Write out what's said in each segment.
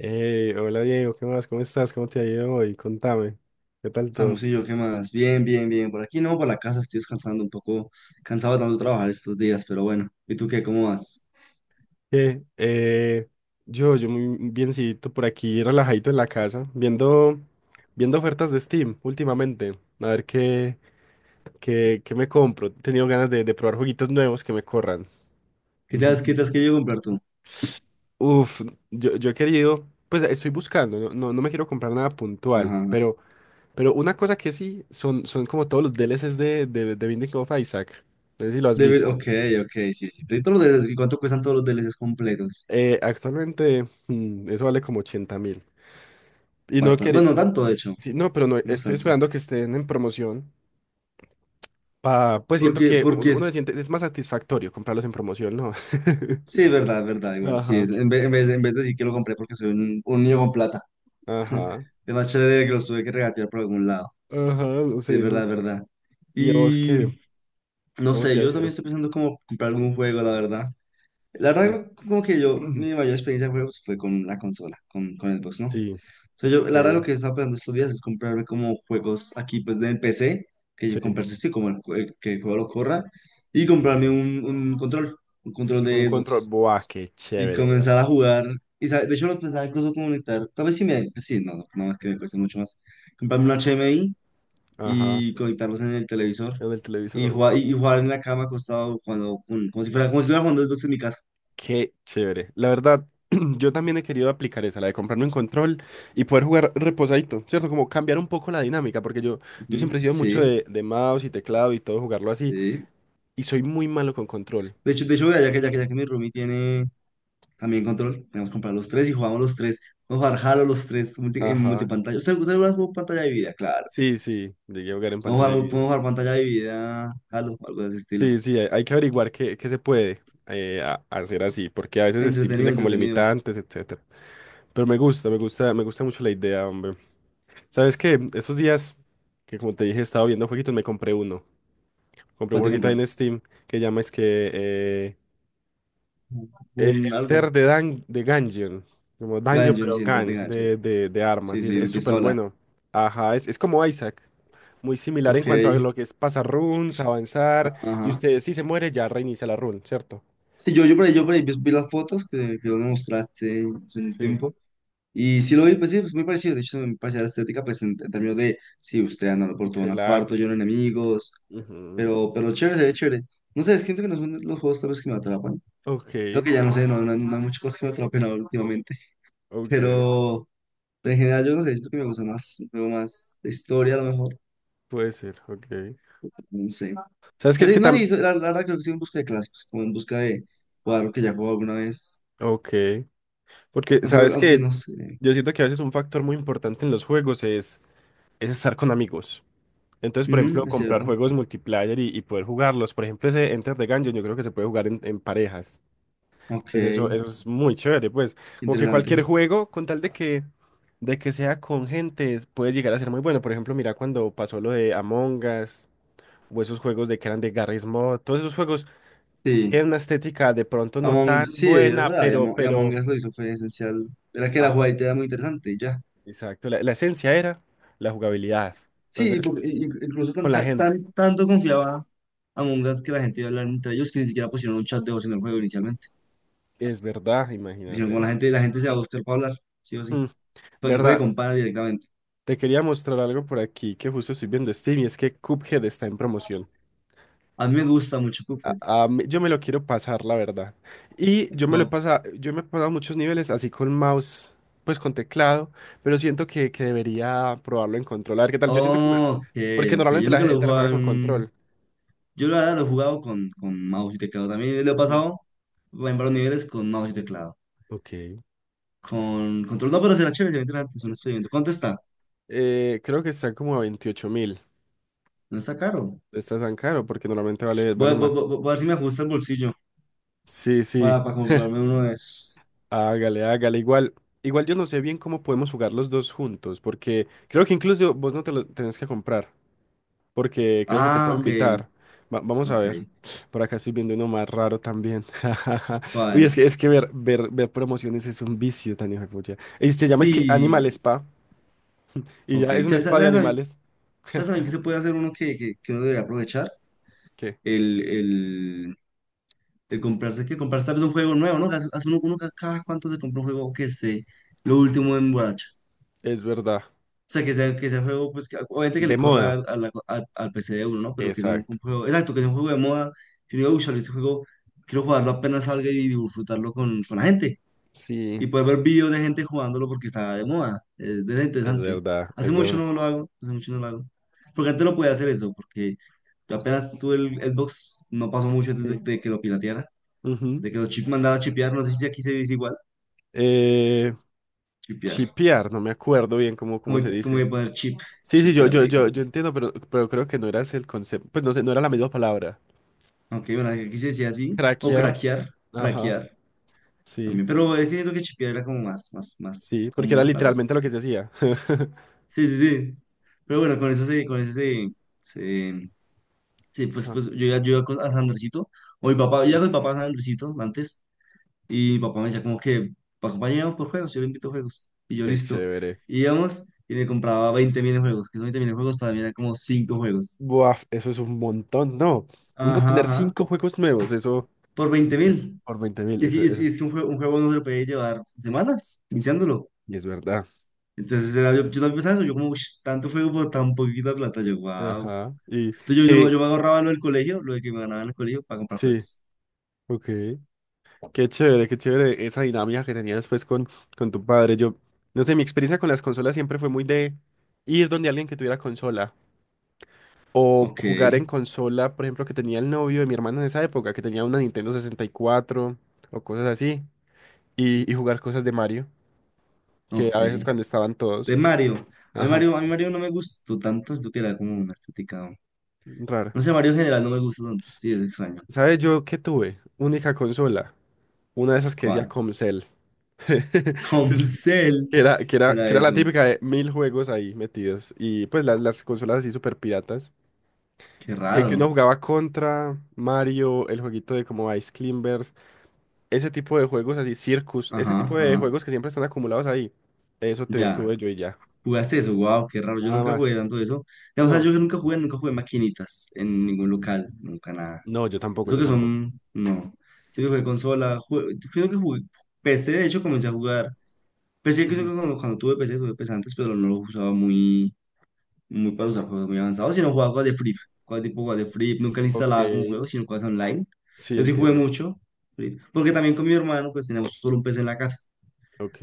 Hey, hola Diego, ¿qué más? ¿Cómo estás? ¿Cómo te ha ido hoy? Contame, ¿qué tal todo? Samusillo, ¿qué más? Bien, bien, bien. Por aquí no, por la casa estoy descansando un poco, cansado de tanto trabajar estos días, pero bueno. ¿Y tú qué? ¿Cómo vas? Eh, eh, yo muy biencito por aquí, relajadito en la casa, viendo ofertas de Steam últimamente, a ver qué me compro. He tenido ganas de probar jueguitos nuevos que me corran. ¿Qué te has, qué Ujú. te has querido comprar tú? Uf, yo he querido, pues estoy buscando, no me quiero comprar nada puntual, Ajá. Pero una cosa que sí, son como todos los DLCs de Binding of Isaac, no sé si lo has visto. Ok, ok, sí, sí. Todos los DLCs, ¿cuánto cuestan todos los DLCs completos? Actualmente eso vale como 80 mil. Y no Bastante. quería... Bueno, no tanto, de hecho. Sí, no, pero no, No es estoy tanto. esperando que estén en promoción. Pa, pues siento Porque, que porque uno se es... siente, es más satisfactorio comprarlos en promoción, ¿no? Sí, es verdad, igual. Sí, Ajá. en vez de decir que lo Mm. compré porque soy un niño con plata. Ajá. Es más chévere que los tuve que regatear por algún lado. Ajá, no Sí, es sé verdad, eso. es verdad. ¿Y a vos qué? Y... No ¿Cómo sé, te ha yo también ido? estoy pensando como comprar algún juego, la verdad. La Sí. verdad, como que yo, mi mayor experiencia de juegos fue con la consola, con Xbox, ¿no? Sí. Entonces yo, la verdad, lo Ok, que estaba pensando estos días es comprarme como juegos aquí, pues, del PC, que yo sí. comprarse sí, como el, el que el juego lo corra, y comprarme un control, un control Un de control. Xbox, Buah, qué y chévere, güey. comenzar a jugar. Y, de hecho, lo pensaba incluso conectar, tal vez si me, pues, sí, no, es que me cuesta mucho más. Comprarme un HDMI Ajá. y conectarlos en el televisor, El del y televisor. jugar, y jugar en la cama acostado, cuando, como si fuera, como si estuviera jugando Xbox en mi casa. Qué chévere. La verdad, yo también he querido aplicar esa, la de comprarme un control y poder jugar reposadito, ¿cierto? Como cambiar un poco la dinámica, porque yo siempre he Ujú. sido mucho Sí, de mouse y teclado y todo, jugarlo así, sí. y soy muy malo con control. De hecho, vea, ya que mi roomie tiene también control, podemos comprar los tres y jugamos los tres. Vamos a jugar Halo los tres en Ajá. multipantalla. ¿Usted alguna vez jugó pantalla dividida? Claro. Sí, sí, llegué a jugar en Vamos a pantalla de jugar, video. podemos jugar pantalla dividida, Halo, algo de ese estilo. Sí, sí, hay que averiguar qué, qué se puede hacer así, porque a veces Steam Entretenido, tiene como entretenido. limitantes, etcétera. Pero me gusta mucho la idea, hombre. ¿Sabes qué? Esos días que, como te dije, estaba viendo jueguitos, me compré uno. Compré un ¿Cuál te jueguito ahí en compraste? Steam que llama es que eh, eh, Un algo. Enter de Dan de Gungeon. Como Dungeon, Ganjon, pero sí, de Gun Ganjon. De Sí, armas. Y sí, de es súper pistola. bueno. Ajá, es como Isaac. Muy similar en Ok. cuanto a lo que es pasar runes, avanzar. Y Ajá. usted, si se muere, ya reinicia la run, ¿cierto? Sí, yo, yo por ahí vi las fotos que vos me mostraste hace un Sí. tiempo. Y sí lo vi, Sí. pues sí, pues muy parecido. De hecho, me parece la estética, pues en términos de, sí, usted andando por todo un Pixel cuarto, art. lleno de enemigos, Ujú. Pero chévere, se ve chévere. No sé, siento que no son los juegos tal vez que me atrapan. Ok, Creo que ya no sé, no hay muchas cosas que me atrapen ahora últimamente. ok. Pero, pero en general yo no sé, siento que me gusta más, un juego más de historia a lo mejor, Puede ser, ok. no sé. ¿Sabes qué? Es Así, que no, sí, también. la verdad creo que sí en busca de clásicos, como en busca de jugar lo que ya jugado alguna vez. Ok. Porque, Aunque, ¿sabes aunque que no sé. yo siento que a veces un factor muy importante en los juegos es estar con amigos? Entonces, por Ujú, ejemplo, es comprar cierto. juegos multiplayer y poder jugarlos. Por ejemplo, ese Enter the Gungeon yo creo que se puede jugar en parejas. Ok, Entonces, eso es muy chévere, pues. Como que interesante. cualquier juego, con tal de que sea con gente, puede llegar a ser muy bueno. Por ejemplo, mira cuando pasó lo de Among Us, o esos juegos de que eran de Garry's Mod, todos esos juegos Sí. tienen una estética de pronto no Among, tan sí, es buena, verdad, y Among Us lo hizo, fue esencial. Era que la ajá, jugabilidad era muy interesante y ya. exacto. La esencia era la jugabilidad. Sí, Entonces, porque incluso tan, con la tan, gente. Tanto confiaba Among Us que la gente iba a hablar entre ellos que ni siquiera pusieron un chat de voz en el juego inicialmente. Es verdad, Dijeron, como imagínate. La gente se va a gustar para hablar, sí o sí. Mm, Para que juegue verdad, con panas directamente. te quería mostrar algo por aquí que justo estoy viendo Steam y es que Cuphead está en promoción. A mí me gusta mucho A- Cuphead. Yo me lo quiero pasar, la verdad. Y yo me lo he Como, pasado, yo me he pasado muchos niveles así con mouse, pues con teclado, pero siento que debería probarlo en control. A ver qué tal, yo siento que ok, porque ok. Yo normalmente la nunca lo he gente lo juega jugado con en... control. Yo la verdad lo he jugado con mouse y teclado. También lo he Sí, pasado en varios niveles con mouse y teclado. ok, Con control, no, pero será chévere, será interesante, es un sí, experimento. ¿Cuánto sí. está? Creo que está como a 28 mil. No está caro. No está tan caro porque normalmente Voy vale a, más. Voy a ver si me ajusta el bolsillo Sí, sí. Para comprarme uno de esos. Hágale, hágale. Igual yo no sé bien cómo podemos jugar los dos juntos, porque creo que incluso vos no te lo tenés que comprar, porque creo que te Ah, puedo ok, invitar. Vamos a ok. ver. Por acá estoy viendo uno más raro también. Uy, ¿Cuál? Es que ver promociones es un vicio tan hijo de pucha. Y se llama es que Animal Sí, Spa, y ok. ya es un ¿Sabes, sabes, spa de sabes, animales. sabes también que se puede hacer uno que uno debería aprovechar? ¿Qué? El, el, el comprarse, que comprarse tal vez un juego nuevo, ¿no? Hace uno, cada cuánto se compra un juego que esté lo último en borracha. Es verdad. O sea, que sea, que sea un juego, pues, obviamente que De le corra moda. al, al, al PC de uno, ¿no? Pero que sea un, Exacto. un juego, exacto, que sea un juego de moda. Que yo digo, "Ush, este juego quiero jugarlo apenas salga y disfrutarlo con la gente. Sí, Y poder ver videos de gente jugándolo porque está de moda. Es interesante. Hace es mucho verdad. no lo hago, hace mucho no lo hago. Porque antes lo podía hacer eso, porque yo apenas tuve el Xbox, no pasó mucho antes Sí. de que lo pirateara, Ujú. de que lo chip mandaba a chipear, no sé si aquí se dice igual, Eh, chipear. chipear, no me acuerdo bien Como, cómo se como de dice. poner chip, Sí, sí, chipear, le dicen. yo entiendo, pero creo que no era ese el concepto. Pues no sé, no era la misma palabra. Aunque bueno, aquí se decía así. O Craquear. craquear, Ajá. craquear Sí, también. Pero es que siento que chipear era como más, más, más sí, porque era común, tal vez. literalmente lo que se hacía. Sí, sí, sí. Pero bueno, con eso se, se- sí, pues, Ajá, pues yo ya yo iba a Sandricito. O mi papá, yo sí. iba con mi papá a Sandricito antes. Y mi papá me decía como que, acompañamos por juegos, yo le invito a juegos. Y yo Qué listo. chévere. Y íbamos y me compraba 20 mil juegos, que son 20 mil juegos, para mí eran como 5 juegos. Buah, eso es un montón, ¿no? Uno Ajá, tener ajá. cinco juegos nuevos, eso Por es 20 ver- mil. por 20 mil, Es que, es, que eso. es que un juego no se lo puede llevar semanas, iniciándolo. Y es verdad. Yo, yo también pensaba eso, yo como, "Ush, tanto fuego por tan poquita plata, yo, wow. Ajá. Y qué Entonces yo, bien. yo me ahorraba lo del colegio, lo de que me ganaba en el colegio para comprar Sí, juegos. ok. Qué chévere esa dinámica que tenías después con tu padre. Yo, no sé, mi experiencia con las consolas siempre fue muy de ir donde alguien que tuviera consola. O Ok, jugar en consola, por ejemplo, que tenía el novio de mi hermana en esa época, que tenía una Nintendo 64 o cosas así. Y jugar cosas de Mario, que a ok. veces cuando estaban todos. De Mario, a mí Ajá, Mario, a mí Mario no me gustó tanto, siento que era como una estética, raro. no sé, Mario en general no me gusta tanto, sí, es extraño. ¿Sabes yo qué tuve? Única consola. Una de esas que decía ¿Cuál? Comcel. Comcel, ¿qué era que era la eso? típica de mil juegos ahí metidos. Y pues las consolas así super piratas. Qué Que uno raro. jugaba contra Mario, el jueguito de como Ice Climbers. Ese tipo de juegos así, Circus, ese Ajá, tipo de ajá, juegos que siempre están acumulados ahí. Ya. Tuve yo y ya. ¿Jugaste eso? Wow, qué raro, yo Nada nunca jugué más. tanto eso. O sea, yo No. nunca jugué, nunca jugué maquinitas en ningún local, nunca nada. No, Creo yo que tampoco. son, no. Siento que consola, creo que jugué PC, de hecho comencé a jugar. PC creo Ujú. que cuando, cuando tuve PC, tuve PC antes, pero no lo usaba muy, muy para usar juegos muy avanzados, sino jugaba cosas de Free, cosas tipo cosas de Free, nunca le Ok. instalaba como juego, sino cosas online. Sí, Yo sí jugué entiendo. mucho, Free, porque también con mi hermano pues teníamos solo un PC en la casa.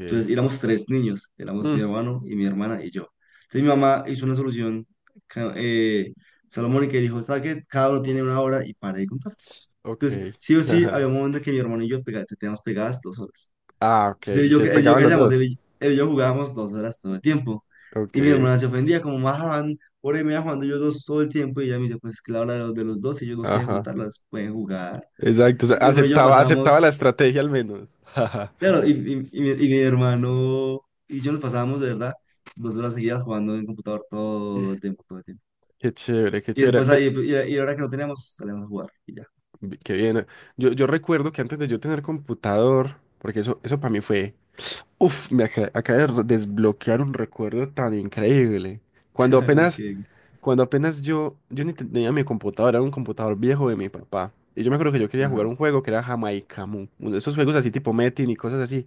Entonces éramos tres niños, éramos mi Mm, hermano y mi hermana y yo. Entonces mi mamá hizo una solución ca- eh, Salomón y que dijo, ¿sabes qué? Cada uno tiene 1 hora y para de contar. ok. Entonces, sí o sí, había un momento que mi hermano y yo te teníamos pegadas 2 horas. Ah, ok. Entonces, él y Y yo, se él y yo, pegaban ¿qué los hacíamos? Él dos. y, él y yo jugábamos 2 horas todo el tiempo. Ok. Y mi hermana se ofendía, como bajaban, por ahí me iban jugando yo dos todo el tiempo. Y ella me dice, pues es que la hora de los dos, si ellos dos quieren Ajá. juntarlas, pueden jugar. Exacto. O sea, Y mi hermano y yo aceptaba la pasábamos, estrategia al menos. claro, y mi hermano y yo nos pasábamos, de verdad, 2 horas seguidas jugando en computador todo el tiempo, todo el tiempo. Qué chévere, qué Y chévere. después Men, ahí, ahora que no teníamos, salíamos a jugar y ya. Qué bien. Yo recuerdo que antes de yo tener computador, porque eso para mí fue. Uf, me acaba de desbloquear un recuerdo tan increíble. Cuando Así apenas, que, cuando apenas yo, yo ni tenía mi computadora, era un computador viejo de mi papá. Y yo me acuerdo que yo quería jugar ajá. un juego que era Jamaica Mu. Uno de esos juegos así tipo Metin y cosas así.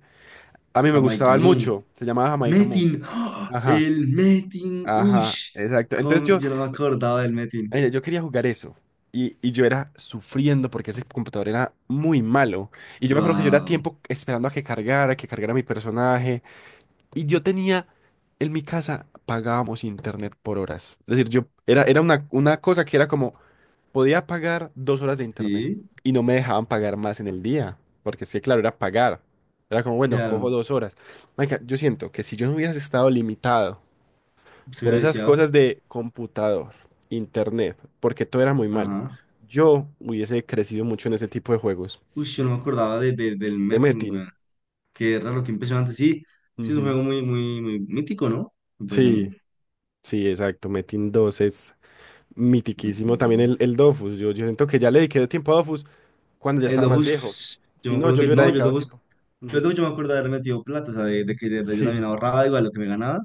A mí me Jamaica gustaban mucho. Se llamaba Jamaica Mu. Metin, ¡ah! Ajá, El Metin, uy, ajá, exacto. Entonces cómo, yo, yo no me acordaba del Metin. mira, yo quería jugar eso. Y yo era sufriendo porque ese computador era muy malo. Y yo me acuerdo que yo era Wow, tiempo esperando a que cargara mi personaje. Y yo tenía, en mi casa pagábamos internet por horas. Es decir, yo era, era una cosa que era como, podía pagar dos horas de internet sí, y no me dejaban pagar más en el día, porque sí, claro, era pagar. Era como, bueno, cojo claro, dos horas. Marica, yo siento que si yo no hubiera estado limitado se por había esas viciado. cosas de computador, internet, porque todo era muy malo, Ajá, yo hubiese crecido mucho en ese tipo de juegos. uy, yo no me acordaba de, del De Metin, Metin. weón. Qué raro, qué impresionante. Sí, sí, es un Ujú. juego muy, muy, muy mítico, ¿no? Me parece a mí. Sí, sí, exacto. Metin dos es... Mitiquísimo Metin también 2. el Dofus. Yo siento que ya le dediqué tiempo a Dofus cuando ya El estaba más viejo. Dofus, yo Si me no, acuerdo yo le que hubiera no, yo dedicado tiempo. pero Ujú. luego yo me acuerdo de haber metido plata, o sea, de que de verdad yo también Sí, ahorraba igual lo que me ganaba.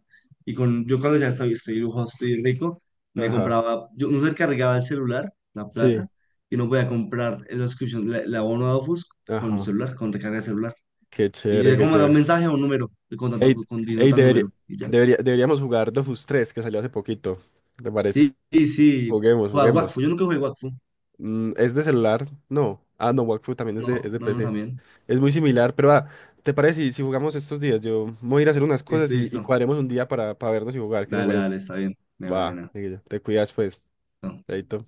Y con, yo cuando ya estoy, estoy lujoso, estoy rico, me ajá, compraba, yo no se cargaba el celular, la sí, plata, y no podía comprar la subscription, la, el abono de Dofus con ajá. celular, con recarga de celular. Qué Y yo chévere, ya qué como mandaba un chévere. mensaje a un número, y con tanto, Ey, con diciendo ey, tal número, y ya. Deberíamos jugar Dofus tres que salió hace poquito. ¿Te parece? Sí, sí, sí, Juguemos, jugar Wakfu, juguemos. yo nunca jugué Wakfu. Mm, ¿es de celular? No. Ah, no, Wakfu también es No, de no, no, PC. también. Es muy similar, pero ah, ¿te parece si jugamos estos días? Yo me voy a ir a hacer unas Listo, cosas y listo. cuadremos un día para vernos y jugar. ¿Qué te Dale, parece? dale, está bien. De Va, verdad, Miguel, te cuidas pues, bien. chaito.